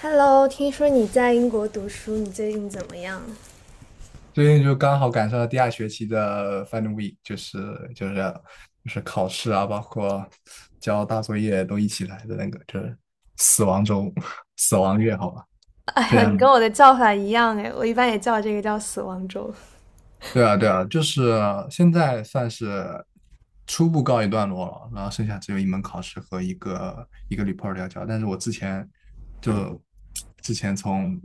Hello，听说你在英国读书，你最近怎么样？最近就刚好赶上了第二学期的 Final Week，就是就是考试啊，包括交大作业都一起来的那个，就是死亡周、死亡月，好吧，哎非呀，你常跟我的叫法一样哎，我一般也叫这个叫死亡周。对啊，对啊，就是现在算是初步告一段落了，然后剩下只有一门考试和一个 report 要交。但是我之前就之前从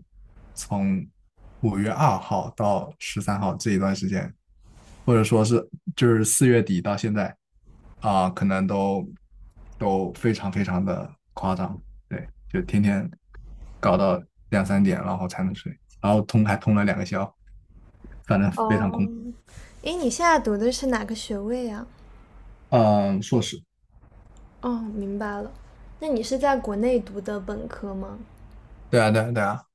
从5月2号到13号这一段时间，或者说是就是四月底到现在啊，可能都非常非常的夸张，对，就天天搞到2、3点，然后才能睡。然后通还通了2个宵，反正非常哦，空。诶，你现在读的是哪个学位啊？嗯，硕士，哦，明白了。那你是在国内读的本科吗？对啊,对啊,对啊，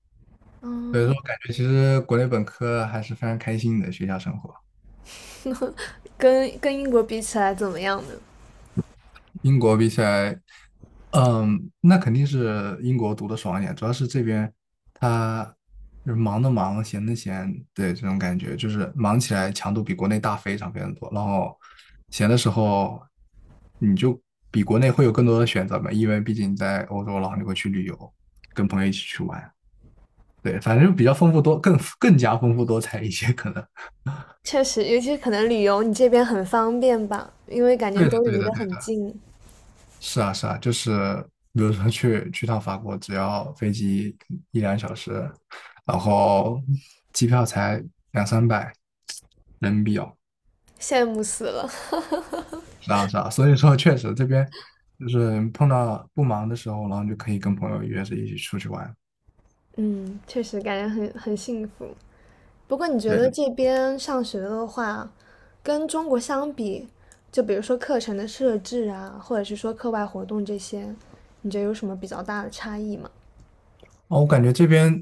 所以嗯，说我感觉其实国内本科还是非常开心的学校生活，跟英国比起来怎么样呢？英国比起来，嗯，那肯定是英国读的爽一点，主要是这边他就是忙的忙，闲的闲，对，这种感觉就是忙起来强度比国内大非常非常多，然后闲的时候你就比国内会有更多的选择嘛，因为毕竟你在欧洲，然后你会去旅游，跟朋友一起去玩。对，反正比较丰富多，更加丰富多彩一些，可能 确实，尤其是可能旅游，你这边很方便吧，因为感觉对的，都对离得的，对很的。近，是啊，是啊，就是比如说去趟法国，只要飞机1、2小时，然后机票才2、300人民币哦，羡慕死了。是啊，是啊。所以说，确实这边就是碰到不忙的时候，然后就可以跟朋友约着一起出去玩。嗯，确实感觉很幸福。不过你觉对，得这边上学的话，跟中国相比，就比如说课程的设置啊，或者是说课外活动这些，你觉得有什么比较大的差异吗？哦，我感觉这边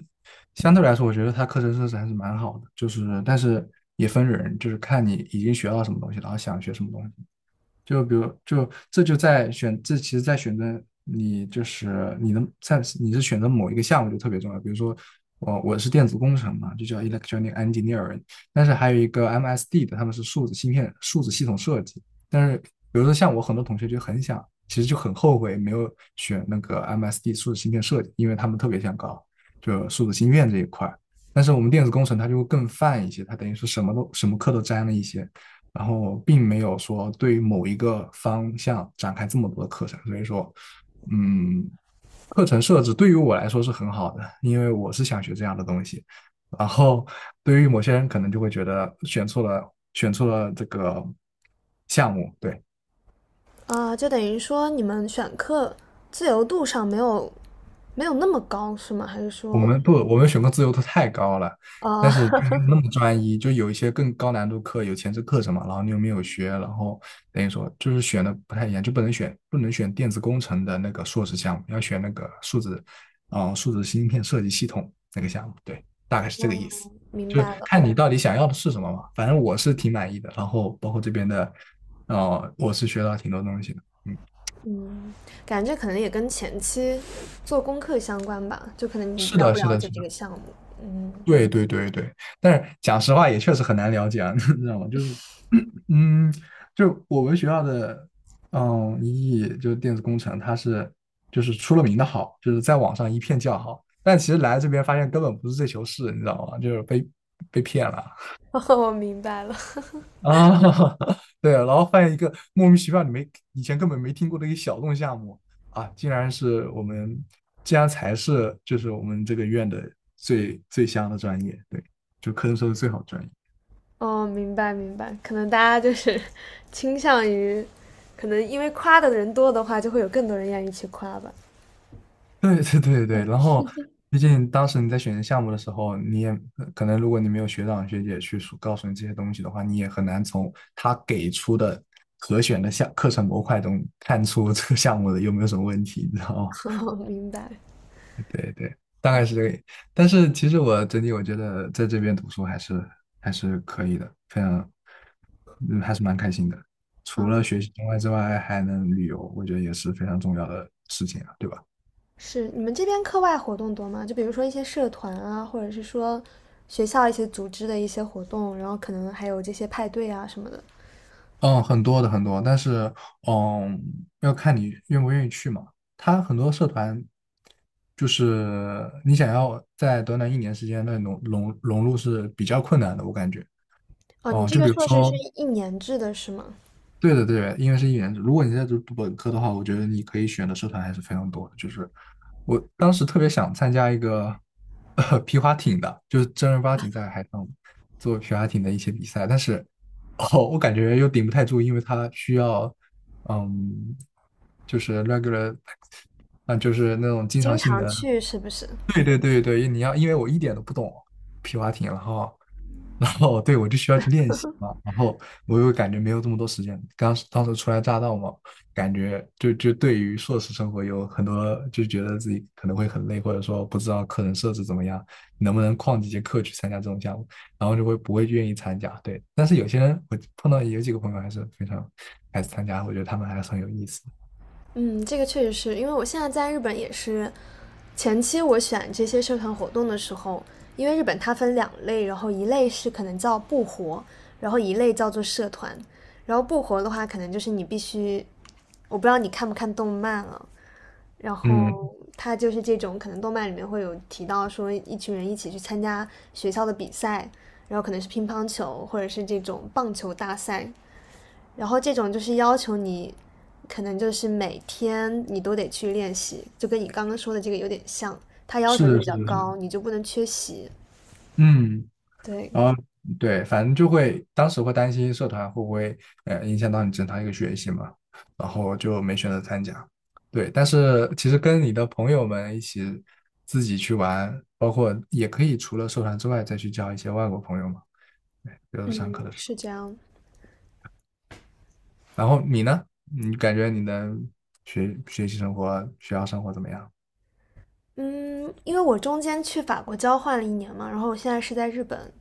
相对来说，我觉得它课程设置还是蛮好的，就是但是也分人，就是看你已经学到什么东西，然后想学什么东西。就比如，就这就在选，这其实在选择你就是你的在你是选择某一个项目就特别重要。比如说，我是电子工程嘛，就叫 electronic engineering，但是还有一个 MSD 的，他们是数字芯片、数字系统设计。但是比如说像我很多同学就很想，其实就很后悔没有选那个 MSD 数字芯片设计，因为他们特别想搞就数字芯片这一块但是我们电子工程它就会更泛一些，它等于说什么都什么课都沾了一些。然后并没有说对某一个方向展开这么多的课程，所以说，嗯，课程设置对于我来说是很好的，因为我是想学这样的东西。然后对于某些人可能就会觉得选错了，选错了这个项目，对，啊，就等于说你们选课自由度上没有那么高，是吗？还是我说，们不，我们选课自由度太高了，啊，但是就没有那 么专一，就有一些更高难度课，有前置课程嘛，然后你又没有学，然后等于说就是选的不太一样，就不能选不能选电子工程的那个硕士项目，要选那个数字，啊、数字芯片设计系统那个项目，对，大概是这个嗯，意思，明就是白了，看你到底想要的是什么嘛，反正我是挺满意的，然后包括这边的，我是学到挺多东西的，嗯，嗯，感觉可能也跟前期做功课相关吧，就可能你是了的，不是了的，解是这的。个项目，嗯，对对对对，但是讲实话也确实很难了解啊，你知道吗？就是，嗯，就我们学校的，嗯，一艺就是电子工程，它是就是出了名的好，就是在网上一片叫好，但其实来这边发现根本不是这球事，你知道吗？就是被被骗了 我明白了。啊，对啊，然后发现一个莫名其妙你没以前根本没听过的一个小众项目啊，竟然是我们，竟然才是就是我们这个院的最最香的专业，对，就科生说的最好的专业。哦，明白明白，可能大家就是 倾向于，可能因为夸的人多的话，就会有更多人愿意去夸吧。对对对对，然后毕竟当时你在选择项目的时候，你也可能如果你没有学长学姐去说告诉你这些东西的话，你也很难从他给出的可选的项课程模块中看出 这个项目的有没有什么问题，你知道吗？哦，明白。对对，大概是这个。但是其实我整体我觉得在这边读书还是还是可以的，非常，嗯，还是蛮开心的。除了啊，学习之外，还能旅游，我觉得也是非常重要的事情啊，对吧？是你们这边课外活动多吗？就比如说一些社团啊，或者是说学校一些组织的一些活动，然后可能还有这些派对啊什么的。嗯，很多的很多，但是嗯，要看你愿不愿意去嘛。他很多社团就是你想要在短短一年时间内融入是比较困难的，我感觉。哦，你哦、这就个比如硕士是说1年制的是吗？对的，对的，因为是1年制。如果你在读本科的话，我觉得你可以选的社团还是非常多的。就是我当时特别想参加一个皮划艇的，就是正儿八经在海上做皮划艇的一些比赛，但是哦，我感觉又顶不太住，因为它需要嗯，就是 regular，啊，就是那种经经常性常的。去是不是？对对对对，你要，因为我一点都不懂皮划艇，然后，然后对我就需要去练习嘛，然后我又感觉没有这么多时间，刚当时初来乍到嘛，感觉就对于硕士生活有很多就觉得自己可能会很累，或者说不知道课程设置怎么样，能不能旷几节课去参加这种项目，然后就会不会愿意参加，对，但是有些人我碰到有几个朋友还是非常还是参加，我觉得他们还是很有意思，嗯，这个确实是因为我现在在日本也是，前期我选这些社团活动的时候，因为日本它分2类，然后一类是可能叫部活，然后一类叫做社团。然后部活的话，可能就是你必须，我不知道你看不看动漫了，然嗯，后它就是这种，可能动漫里面会有提到说一群人一起去参加学校的比赛，然后可能是乒乓球或者是这种棒球大赛然后这种就是要求你，可能就是每天你都得去练习，就跟你刚刚说的这个有点像，它要是求就的，比是较的，是高，的，你就不能缺席。嗯。对，然后对，反正就会当时会担心社团会不会影响到你正常一个学习嘛，然后就没选择参加。对，但是其实跟你的朋友们一起自己去玩，包括也可以除了社团之外再去交一些外国朋友嘛。对，就是上嗯，课的时是候。这样。然后你呢？你感觉你的学习生活、学校生活怎么样？嗯，因为我中间去法国交换了一年嘛，然后我现在是在日本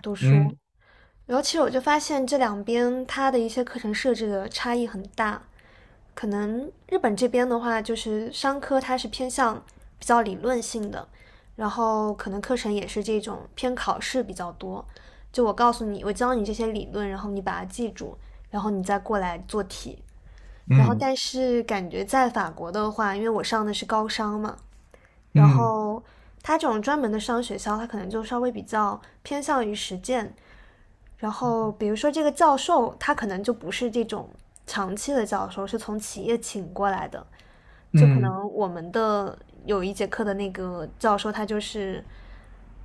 读书，嗯然后其实我就发现这两边它的一些课程设置的差异很大，可能日本这边的话，就是商科它是偏向比较理论性的，然后可能课程也是这种偏考试比较多。就我告诉你，我教你这些理论，然后你把它记住，然后你再过来做题。然后嗯但是感觉在法国的话，因为我上的是高商嘛，然嗯后它这种专门的商学校，它可能就稍微比较偏向于实践。然后比如说这个教授，他可能就不是这种长期的教授，是从企业请过来的。就可嗯，能我们的有一节课的那个教授，他就是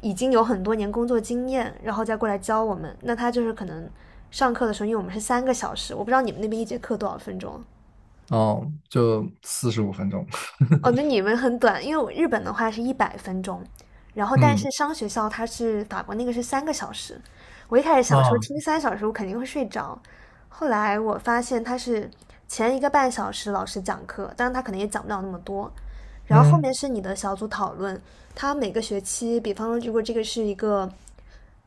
已经有很多年工作经验，然后再过来教我们。那他就是可能上课的时候，因为我们是三个小时，我不知道你们那边一节课多少分钟。哦，就45分钟。哦，那你们很短，因为我日本的话是100分钟，然后 但嗯是商学校它是法国那个是三个小时。我一开始想说听啊3小时我肯定会睡着，后来我发现他是前1个半小时老师讲课，当然他可能也讲不了那么多，然后后嗯。面是你的小组讨论，他每个学期，比方说如果这个是一个，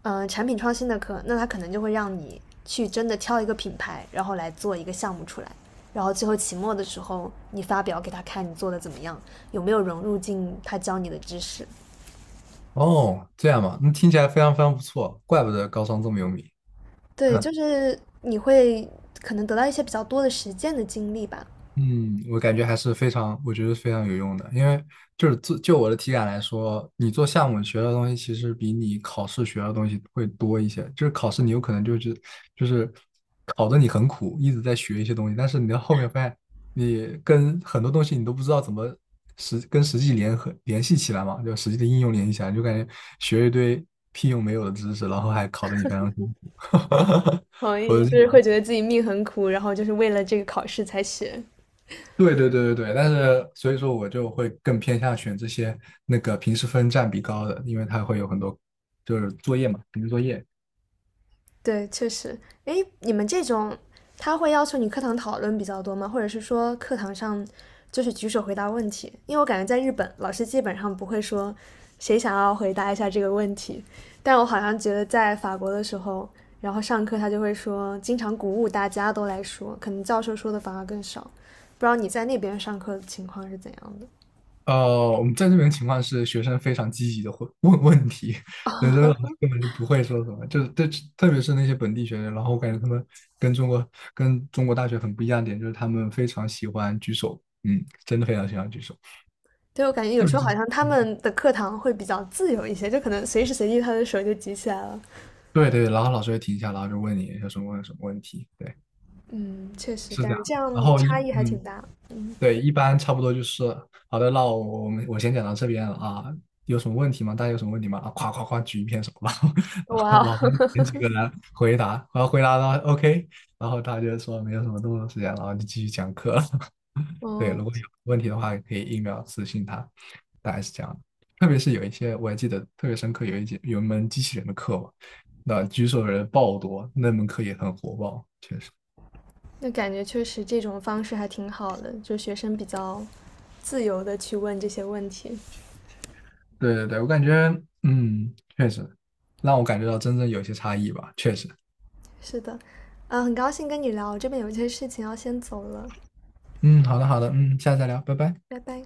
产品创新的课，那他可能就会让你去真的挑一个品牌，然后来做一个项目出来，然后最后期末的时候你发表给他看你做的怎么样，有没有融入进他教你的知识。哦，这样嘛，那听起来非常非常不错，怪不得高商这么有名。对，就是你会可能得到一些比较多的实践的经历吧。嗯，我感觉还是非常，我觉得非常有用的，因为就是自就我的体感来说，你做项目学到的东西其实比你考试学到的东西会多一些。就是考试你有可能就是就是考的你很苦，一直在学一些东西，但是你到后面发现你跟很多东西你都不知道怎么实跟实际联系起来嘛，就实际的应用联系起来，就感觉学一堆屁用没有的知识，然后还考的你非常辛苦。同意，就是会 觉得自己命很苦，然后就是为了这个考试才学。对对对对对，但是所以说我就会更偏向选这些那个平时分占比高的，因为它会有很多就是作业嘛，平时作业。对，确实。哎，你们这种，他会要求你课堂讨论比较多吗？或者是说课堂上就是举手回答问题？因为我感觉在日本，老师基本上不会说谁想要回答一下这个问题，但我好像觉得在法国的时候，然后上课他就会说，经常鼓舞大家都来说，可能教授说的反而更少。不知道你在那边上课的情况是怎样的？我们在这边情况是学生非常积极的会问 问题，有的老师根本就不会说什么，就是对，特别是那些本地学生，然后我感觉他们跟中国跟中国大学很不一样的点，就是他们非常喜欢举手，嗯，真的非常喜欢举手，对，我感觉有特别时候是好像他嗯，们的课堂会比较自由一些，就可能随时随地他的手就举起来了。对对，然后老师会停下，然后就问你有什么什么问题，对，嗯，确实是感这样。觉这的，然样后一差异还嗯，挺大。嗯，对，一般差不多就是好的，那我们先讲到这边了啊，有什么问题吗？大家有什么问题吗？啊，夸夸夸举一片手，然后 然后哇老师点几个人回答，然后回答到 OK，然后他就说没有什么动作时间，然后就继续讲课了 哦，对，哦，如果有问题的话，可以一秒私信他，大概是这样的。特别是有一些我还记得特别深刻，有一门机器人的课嘛，那举手的人爆多，那门课也很火爆，确实。那感觉确实这种方式还挺好的，就学生比较自由的去问这些问题。对对对，我感觉，嗯，确实让我感觉到真正有一些差异吧，确实。是的，嗯，很高兴跟你聊，我这边有一些事情要先走了，嗯，好的好的，嗯，下次再聊，拜拜。拜拜。